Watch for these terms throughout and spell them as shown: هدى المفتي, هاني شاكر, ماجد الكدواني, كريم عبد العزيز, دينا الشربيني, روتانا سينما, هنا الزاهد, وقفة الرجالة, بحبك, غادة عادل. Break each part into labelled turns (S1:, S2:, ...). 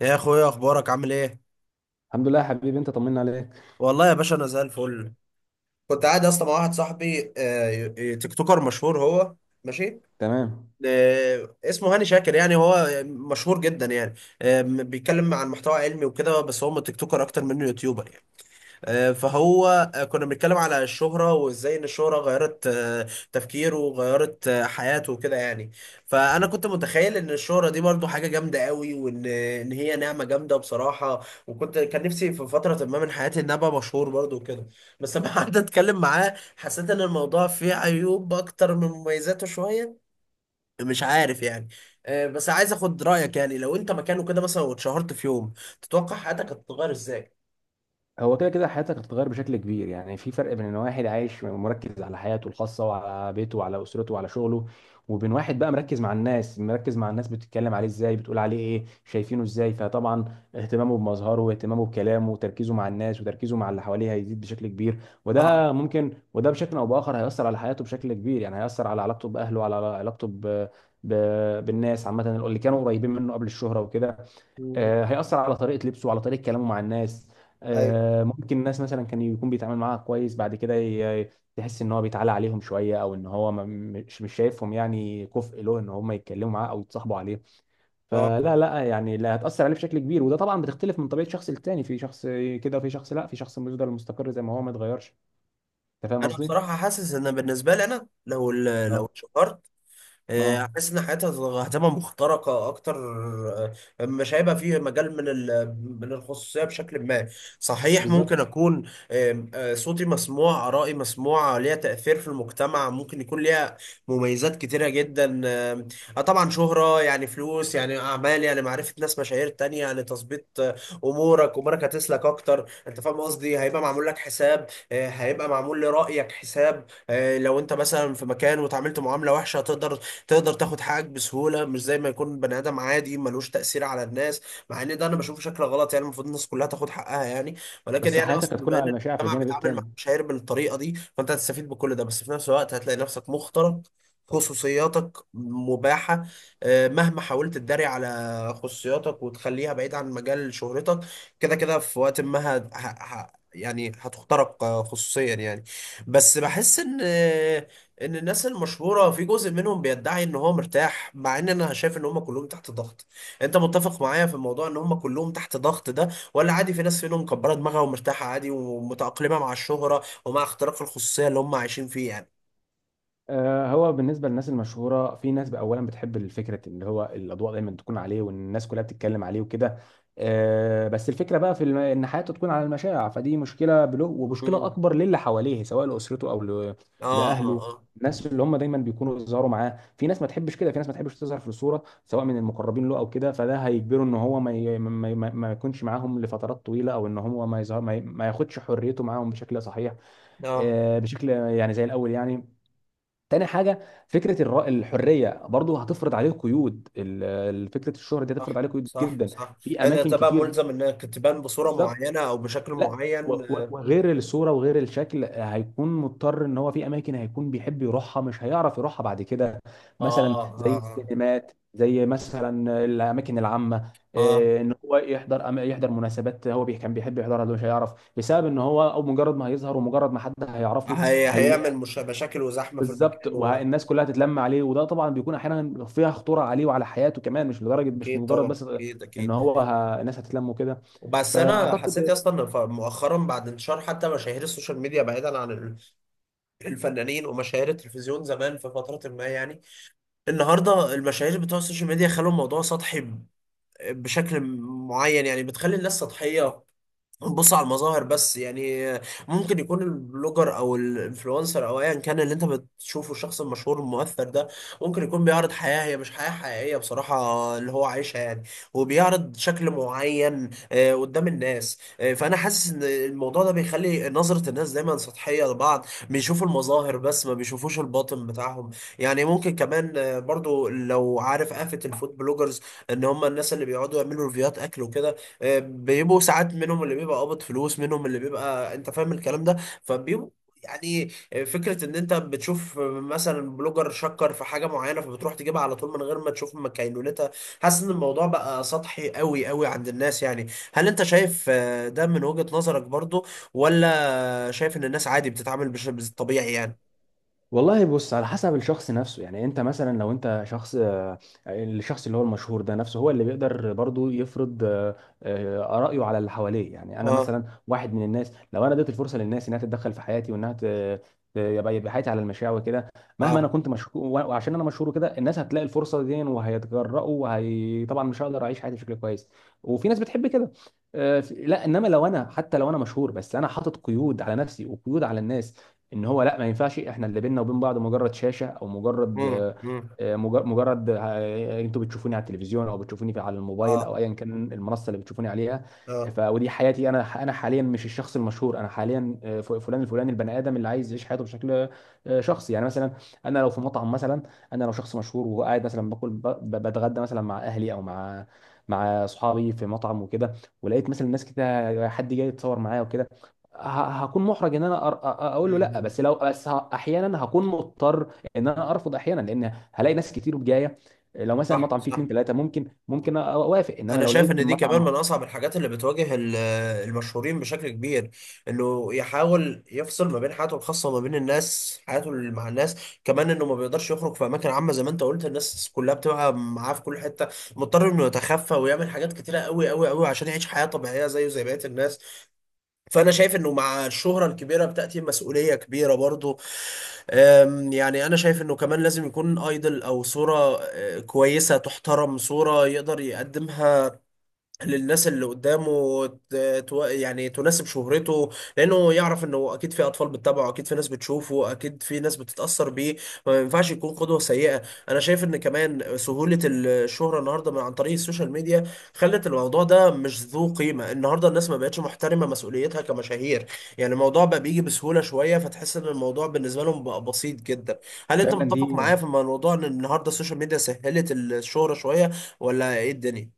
S1: يا اخويا، اخبارك عامل ايه؟
S2: الحمد لله يا حبيبي، انت طمنا عليك.
S1: والله يا باشا انا زي الفل. كنت قاعد اصلا مع واحد صاحبي تيك توكر مشهور هو. ماشي.
S2: تمام.
S1: اسمه هاني شاكر، يعني هو مشهور جدا يعني. بيتكلم عن محتوى علمي وكده، بس هو تيك توكر اكتر منه يوتيوبر يعني. فهو. كنا بنتكلم على الشهرة وازاي ان الشهرة غيرت تفكيره، وغيرت حياته وكده يعني. فانا كنت متخيل ان الشهرة دي برضو حاجة جامدة قوي، وان هي نعمة جامدة بصراحة. كان نفسي في فترة ما من حياتي ان أنا ابقى مشهور برضو وكده. بس لما قعدت اتكلم معاه حسيت ان الموضوع فيه عيوب اكتر من مميزاته شوية. مش عارف يعني. بس عايز اخد رأيك، يعني لو انت مكانه كده مثلا واتشهرت في يوم تتوقع حياتك هتتغير ازاي؟
S2: هو كده كده حياتك هتتغير بشكل كبير، يعني في فرق بين ان واحد عايش مركز على حياته الخاصه وعلى بيته وعلى اسرته وعلى شغله، وبين واحد بقى مركز مع الناس، مركز مع الناس بتتكلم عليه ازاي، بتقول عليه ايه، شايفينه ازاي. فطبعا اهتمامه بمظهره واهتمامه بكلامه وتركيزه مع الناس وتركيزه مع اللي حواليه هيزيد بشكل كبير.
S1: اه.
S2: وده ممكن، وده بشكل او باخر هيأثر على حياته بشكل كبير، يعني هيأثر على علاقته باهله وعلى علاقته ب... بالناس عامه اللي كانوا قريبين منه قبل الشهره وكده.
S1: مم.
S2: هيأثر على طريقة لبسه، على طريقة كلامه مع الناس.
S1: ايوه.
S2: ممكن الناس مثلا كان يكون بيتعامل معاها كويس، بعد كده تحس ان هو بيتعالى عليهم شوية، او ان هو مش شايفهم يعني كفء له ان هم يتكلموا معاه او يتصاحبوا عليه.
S1: اه.
S2: فلا لا يعني، لا هتأثر عليه بشكل كبير، وده طبعا بتختلف من طبيعة شخص للتاني. في شخص كده وفي شخص لا، في شخص بيفضل مستقر زي ما هو ما اتغيرش. انت فاهم
S1: انا
S2: قصدي؟
S1: بصراحه حاسس ان بالنسبه لي، انا لو لو
S2: اه
S1: اتشهرت.
S2: اه،
S1: حاسس ان حياتها هتبقى مخترقه اكتر. مش هيبقى فيه مجال من الخصوصيه بشكل ما. صحيح، ممكن
S2: بالظبط.
S1: اكون آم، آه، صوتي مسموع، ارائي مسموعه ليها تاثير في المجتمع، ممكن يكون ليها مميزات كتيره جدا. آم، آه، طبعا شهره يعني فلوس، يعني اعمال، يعني معرفه ناس مشاهير تانية، يعني تظبيط. امورك هتسلك اكتر. انت فاهم قصدي، هيبقى معمول لك حساب، هيبقى معمول لرايك حساب. لو انت مثلا في مكان وتعاملت معامله وحشه تقدر تاخد حقك بسهوله، مش زي ما يكون بني ادم عادي ملوش تاثير على الناس. مع ان ده انا بشوفه شكل غلط يعني، المفروض الناس كلها تاخد حقها يعني. ولكن
S2: بس
S1: يعني
S2: حياتك
S1: اقصد
S2: هتكون
S1: بما
S2: على
S1: ان
S2: المشاع في
S1: المجتمع
S2: الجانب
S1: بيتعامل مع
S2: التاني.
S1: المشاهير بالطريقه دي، فانت هتستفيد بكل ده، بس في نفس الوقت هتلاقي نفسك مخترق، خصوصياتك مباحة. مهما حاولت تداري على خصوصياتك وتخليها بعيد عن مجال شهرتك، كده كده في وقت ما يعني هتخترق خصوصيا يعني. بس بحس ان الناس المشهوره في جزء منهم بيدعي ان هو مرتاح، مع ان انا شايف ان هم كلهم تحت ضغط. انت متفق معايا في الموضوع ان هم كلهم تحت ضغط ده، ولا عادي، في ناس فيهم مكبره دماغها ومرتاحه عادي ومتاقلمه مع الشهره ومع اختراق الخصوصيه اللي هم عايشين فيه يعني؟
S2: هو بالنسبة للناس المشهورة، في ناس بقى أولا بتحب الفكرة، اللي هو الأضواء دايما تكون عليه وإن الناس كلها بتتكلم عليه وكده. بس الفكرة بقى في إن حياته تكون على المشاع، فدي مشكلة بله ومشكلة
S1: مم.
S2: أكبر للي حواليه، سواء لأسرته أو
S1: اه اه
S2: لأهله.
S1: اه.
S2: الناس اللي هم دايما بيكونوا يظهروا معاه، في ناس ما تحبش كده، في ناس ما تحبش تظهر في الصورة، سواء من المقربين له أو كده. فده هيجبره إن هو ما ي- ما ما- ما يكونش معاهم لفترات طويلة، أو إن هو ما يظهر، ما ياخدش حريته معاهم بشكل صحيح،
S1: اه.
S2: بشكل يعني زي الأول يعني. تاني حاجة، فكرة الحرية برضو هتفرض عليه قيود، فكرة الشهرة دي
S1: صح
S2: هتفرض عليه قيود
S1: صح
S2: جدا
S1: صح.
S2: في
S1: ان انت
S2: أماكن
S1: بقى
S2: كتير.
S1: ملزم انك تبان بصوره
S2: بالظبط.
S1: معينه او بشكل
S2: لا،
S1: معين. اه.
S2: وغير الصورة وغير الشكل هيكون مضطر إن هو في أماكن هيكون بيحب يروحها مش هيعرف يروحها بعد كده. مثلا
S1: اه
S2: زي
S1: اه,
S2: السينمات، زي مثلا الأماكن العامة
S1: آه.
S2: ان هو يحضر يحضر مناسبات هو كان بيحب يحضرها دلوقتي مش هيعرف، بسبب ان هو او مجرد ما هيظهر ومجرد ما حد هيعرفه.
S1: هي
S2: هي
S1: هيعمل مش مشاكل وزحمه في
S2: بالظبط،
S1: المكان هو.
S2: والناس كلها تتلم عليه، وده طبعا بيكون احيانا فيها خطوره عليه وعلى حياته كمان، مش لدرجه، مش
S1: اكيد
S2: مجرد
S1: طبعا،
S2: بس
S1: اكيد
S2: ان
S1: اكيد.
S2: هو الناس هتتلم وكده.
S1: بس انا حسيت يا
S2: فاعتقد،
S1: اسطى ان مؤخرا بعد انتشار حتى مشاهير السوشيال ميديا بعيدا عن الفنانين ومشاهير التلفزيون زمان في فتره ما يعني، النهارده المشاهير بتوع السوشيال ميديا خلوا الموضوع سطحي بشكل معين يعني، بتخلي الناس سطحيه، بص على المظاهر بس يعني. ممكن يكون البلوجر او الانفلونسر او ايا كان اللي انت بتشوفه، الشخص المشهور المؤثر ده ممكن يكون بيعرض حياة هي مش حياة حقيقية بصراحة اللي هو عايشها يعني، وبيعرض شكل معين قدام الناس. فانا حاسس ان الموضوع ده بيخلي نظرة الناس دايما سطحية لبعض، بيشوفوا المظاهر بس ما بيشوفوش الباطن بتاعهم. يعني ممكن كمان برضو لو عارف آفة الفود بلوجرز ان هم الناس اللي بيقعدوا يعملوا ريفيوهات اكل وكده، بيبقوا ساعات منهم اللي بيبقى قابض فلوس، منهم اللي بيبقى انت فاهم الكلام ده، فبيبقوا يعني. فكرة ان انت بتشوف مثلا بلوجر شكر في حاجة معينة، فبتروح تجيبها على طول من غير ما تشوف مكينونتها. حاسس ان الموضوع بقى سطحي قوي قوي عند الناس يعني. هل انت شايف ده من وجهة نظرك برضو، ولا شايف ان الناس عادي بتتعامل بالطبيعي يعني؟
S2: والله بص، على حسب الشخص نفسه. يعني انت مثلا لو انت شخص الشخص اللي هو المشهور ده نفسه هو اللي بيقدر برضو يفرض رأيه على اللي حواليه. يعني انا
S1: اه
S2: مثلا واحد من الناس، لو انا اديت الفرصة للناس انها تتدخل في حياتي وانها يبقى يبقى حياتي على المشاع وكده، مهما
S1: اه.
S2: انا كنت مشهور، وعشان انا مشهور وكده الناس هتلاقي الفرصة دي وهيتجرأوا، وهي طبعا مش هقدر اعيش حياتي بشكل كويس. وفي ناس بتحب كده. لا، انما لو انا، حتى لو انا مشهور، بس انا حاطط قيود على نفسي وقيود على الناس، ان هو لا، ما ينفعش احنا اللي بيننا وبين بعض مجرد شاشه، او مجرد
S1: امم.
S2: مجرد انتوا بتشوفوني على التلفزيون او بتشوفوني في على الموبايل
S1: اه
S2: او ايا كان المنصه اللي بتشوفوني عليها.
S1: اه.
S2: ف ودي حياتي انا، انا حاليا مش الشخص المشهور، انا حاليا فلان الفلاني، البني ادم اللي عايز يعيش حياته بشكل شخصي. يعني مثلا انا لو في مطعم مثلا، انا لو شخص مشهور وقاعد مثلا باكل بتغدى مثلا مع اهلي او مع مع اصحابي في مطعم وكده، ولقيت مثلا ناس كده حد جاي يتصور معايا وكده، هكون محرج ان انا اقول له
S1: مم،
S2: لا،
S1: مم.
S2: بس لو بس احيانا هكون مضطر ان انا ارفض احيانا، لان هلاقي ناس كتير جايه. لو مثلا
S1: صح
S2: المطعم فيه
S1: صح.
S2: اتنين تلاته ممكن ممكن اوافق، انما
S1: انا
S2: لو
S1: شايف
S2: لقيت
S1: ان دي كمان من
S2: المطعم.
S1: اصعب الحاجات اللي بتواجه المشهورين بشكل كبير، انه يحاول يفصل ما بين حياته الخاصه وما بين الناس، حياته مع الناس. كمان انه ما بيقدرش يخرج في اماكن عامه زي ما انت قلت، الناس كلها بتبقى معاه في كل حته، مضطر انه يتخفى ويعمل حاجات كتيره قوي قوي قوي عشان يعيش حياه طبيعيه زيه زي بقيه الناس. فانا شايف انه مع الشهره الكبيره بتاتي مسؤوليه كبيره برضه. يعني انا شايف انه كمان لازم يكون ايدل او صوره كويسه تحترم، صوره يقدر يقدمها للناس اللي قدامه يعني تناسب شهرته، لانه يعرف انه اكيد في اطفال بتتابعه، اكيد في ناس بتشوفه، اكيد في ناس بتتاثر بيه، ما ينفعش يكون قدوه سيئه. انا شايف ان كمان سهوله الشهره النهارده عن طريق السوشيال ميديا خلت الموضوع ده مش ذو قيمه. النهارده الناس ما بقتش محترمه مسؤوليتها كمشاهير، يعني الموضوع بقى بيجي بسهوله شويه، فتحس ان الموضوع بالنسبه لهم بقى بسيط جدا. هل انت
S2: فعلا
S1: متفق
S2: دي،
S1: معايا في الموضوع ان النهارده السوشيال ميديا سهلت الشهره شويه، ولا ايه الدنيا؟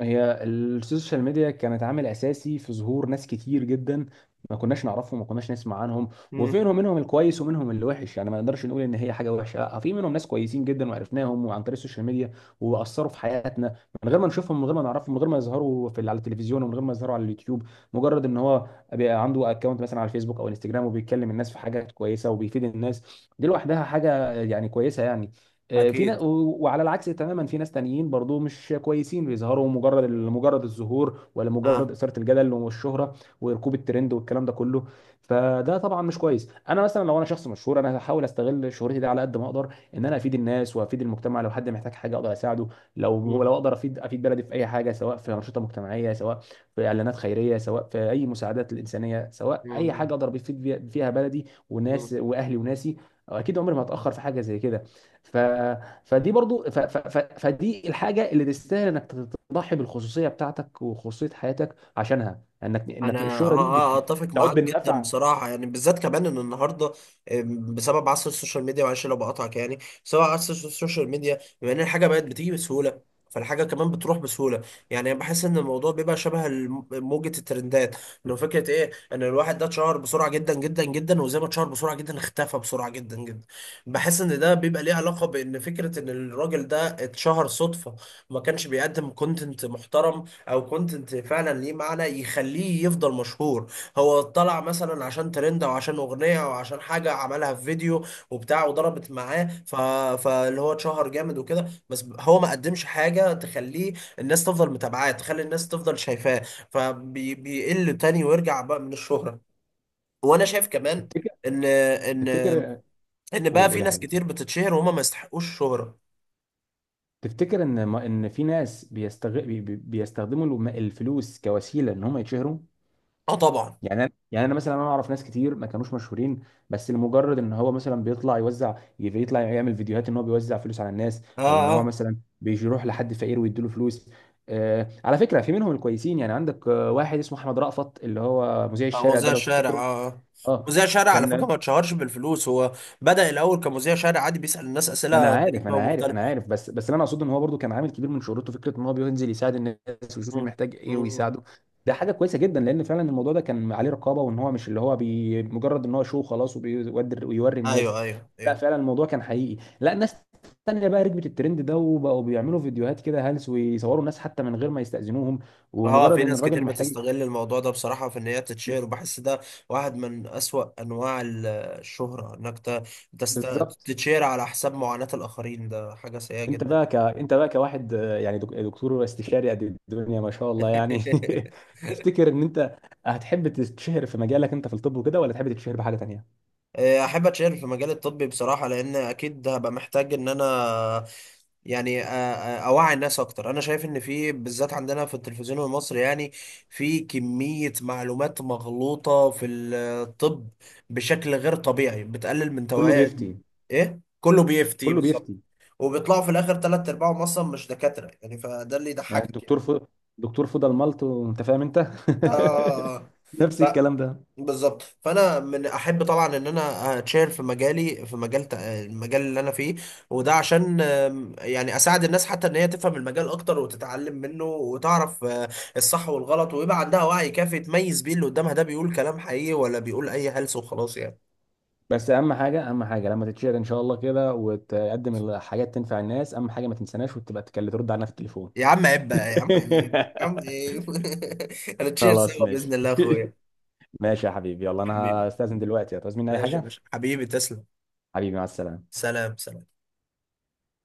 S2: هي السوشيال ميديا كانت عامل اساسي في ظهور ناس كتير جدا، ما كناش نعرفهم، ما كناش نسمع عنهم.
S1: مم.
S2: وفيهم منهم الكويس ومنهم اللي وحش، يعني ما نقدرش نقول ان هي حاجه وحشه، لا، في منهم ناس كويسين جدا وعرفناهم وعن طريق السوشيال ميديا، واثروا في حياتنا من غير ما نشوفهم، من غير ما نعرفهم، من غير ما يظهروا في على التلفزيون، ومن غير ما يظهروا على اليوتيوب. مجرد ان هو بيبقى عنده اكونت مثلا على الفيسبوك او انستجرام وبيتكلم الناس في حاجات كويسه وبيفيد الناس، دي لوحدها حاجه يعني كويسه يعني. في ناس،
S1: أكيد.
S2: وعلى العكس تماما في ناس تانيين برضو مش كويسين، بيظهروا مجرد الظهور، ولا مجرد
S1: اه.
S2: إثارة الجدل والشهرة وركوب الترند والكلام ده كله. فده طبعا مش كويس. انا مثلا لو انا شخص مشهور، انا هحاول استغل شهرتي دي على قد ما اقدر ان انا افيد الناس وافيد المجتمع. لو حد محتاج حاجه اقدر اساعده،
S1: مم.
S2: لو اقدر افيد، افيد بلدي في اي حاجه، سواء في انشطه مجتمعيه، سواء في اعلانات خيريه، سواء في اي مساعدات الانسانيه، سواء اي حاجه اقدر افيد فيها بلدي وناس
S1: مم.
S2: واهلي وناسي. اكيد عمري ما هتاخر في حاجه زي كده. ف... فدي برضو، فدي الحاجه اللي تستاهل انك تضحي بالخصوصيه بتاعتك وخصوصيه حياتك عشانها، انك انك
S1: انا
S2: الشهره دي
S1: اتفق
S2: بتعود
S1: معاك جدا
S2: بالنفع.
S1: بصراحه، يعني بالذات كمان ان النهارده بسبب عصر السوشيال ميديا، معلش لو بقاطعك يعني، بسبب عصر السوشيال ميديا بما ان الحاجه بقت بتيجي بسهوله، فالحاجه كمان بتروح بسهوله. يعني بحس ان الموضوع بيبقى شبه موجه الترندات. لو فكره ايه ان الواحد ده اتشهر بسرعه جدا جدا جدا، وزي ما اتشهر بسرعه جدا اختفى بسرعه جدا جدا. بحس ان ده بيبقى ليه علاقه بان فكره ان الراجل ده اتشهر صدفه، ما كانش بيقدم كونتنت محترم او كونتنت فعلا ليه معنى يخليه يفضل مشهور. هو طلع مثلا عشان ترند او عشان اغنيه او عشان حاجه عملها في فيديو وبتاع، وضربت معاه فاللي هو اتشهر جامد وكده، بس هو ما قدمش حاجه تخليه الناس تفضل متابعاه، تخلي الناس تفضل شايفاه، فبيقل تاني ويرجع بقى من الشهره. وانا شايف كمان
S2: تفتكر،
S1: ان ان
S2: تفتكر،
S1: ان
S2: قول
S1: بقى في
S2: قول يا
S1: ناس
S2: حبيبي، اتفضل.
S1: كتير بتتشهر وهم ما يستحقوش الشهره.
S2: تفتكر ان ما... ان في ناس بيستخدموا الفلوس كوسيله ان هم يتشهروا؟
S1: اه طبعا.
S2: يعني انا مثلا انا اعرف ناس كتير ما كانوش مشهورين، بس لمجرد ان هو مثلا بيطلع يوزع، بيطلع يعمل فيديوهات ان هو بيوزع فلوس على الناس، او ان هو
S1: اه.
S2: مثلا بيروح لحد فقير ويديله فلوس. آه على فكره، في منهم الكويسين يعني. عندك واحد اسمه احمد رأفت اللي هو مذيع
S1: آه،
S2: الشارع ده،
S1: مذيع
S2: لو
S1: شارع،
S2: تفتكره.
S1: اه، آه.
S2: اه،
S1: مذيع شارع على فكره
S2: كان،
S1: ما اتشهرش بالفلوس هو، بدأ الاول كمذيع شارع عادي بيسأل الناس
S2: ما انا
S1: اسئله
S2: عارف
S1: غريبه
S2: انا عارف
S1: ومختلفه.
S2: انا عارف، بس بس اللي انا اقصده ان هو برضو كان عامل كبير من شهرته فكره ان هو بينزل يساعد الناس ويشوف مين
S1: مم.
S2: محتاج ايه
S1: مم.
S2: ويساعده. ده حاجه كويسه جدا، لان فعلا الموضوع ده كان عليه رقابه وان هو مش اللي هو بي مجرد ان هو شو خلاص وبيودر ويوري الناس.
S1: ايوه ايوه
S2: لا
S1: ايوه.
S2: فعلا الموضوع كان حقيقي. لا ناس تانية بقى ركبت الترند ده وبقوا بيعملوا فيديوهات كده هلس، ويصوروا الناس حتى من غير ما يستأذنوهم،
S1: اه.
S2: ومجرد
S1: في
S2: ان
S1: ناس
S2: الراجل
S1: كتير
S2: محتاج.
S1: بتستغل الموضوع ده بصراحه في ان هي تتشهر، وبحس ده واحد من اسوأ انواع الشهره، انك تست...
S2: بالظبط.
S1: تتشهر على حساب معاناه الاخرين، ده حاجه سيئه
S2: انت
S1: جدا.
S2: بقى انت بقى كواحد يعني دكتور استشاري قد الدنيا ما شاء الله يعني. تفتكر ان انت هتحب تتشهر في مجالك انت في الطب وكده، ولا تحب تتشهر بحاجه تانيه؟
S1: احب اتشارك في مجال الطبي بصراحه، لان اكيد هبقى محتاج ان انا يعني اوعي الناس اكتر. انا شايف ان في بالذات عندنا في التلفزيون المصري يعني، في كميه معلومات مغلوطه في الطب بشكل غير طبيعي بتقلل من
S2: كله
S1: توعيه.
S2: بيفتي.
S1: ايه كله بيفتي
S2: كله
S1: بالظبط،
S2: بيفتي.
S1: وبيطلعوا في الاخر ثلاث ارباعهم اصلا مش دكاتره يعني، فده اللي
S2: يعني
S1: يضحكك يعني.
S2: دكتور فضل ملط وانت فاهم انت.
S1: آه.
S2: نفس الكلام ده.
S1: بالظبط، فانا من احب طبعا ان انا اتشير في مجالي، في المجال اللي انا فيه. وده عشان يعني اساعد الناس حتى ان هي تفهم المجال اكتر وتتعلم منه وتعرف الصح والغلط، ويبقى عندها وعي كافي تميز بيه اللي قدامها ده بيقول كلام حقيقي ولا بيقول اي هلس وخلاص يعني.
S2: بس اهم حاجه، اهم حاجه لما تتشهر ان شاء الله كده وتقدم الحاجات تنفع الناس، اهم حاجه ما تنساناش وتبقى تكلم ترد علينا في التليفون.
S1: يا عم عيب بقى، يا عم عيب، يا عم عيب. هنتشير
S2: خلاص
S1: سوا باذن
S2: ماشي.
S1: الله يا اخويا
S2: ماشي يا حبيبي، يلا انا
S1: حبيبي.
S2: هستأذن دلوقتي. هتعوز مني اي
S1: ماشي يا
S2: حاجه؟
S1: باشا، حبيبي، تسلم.
S2: حبيبي مع السلامة.
S1: سلام سلام.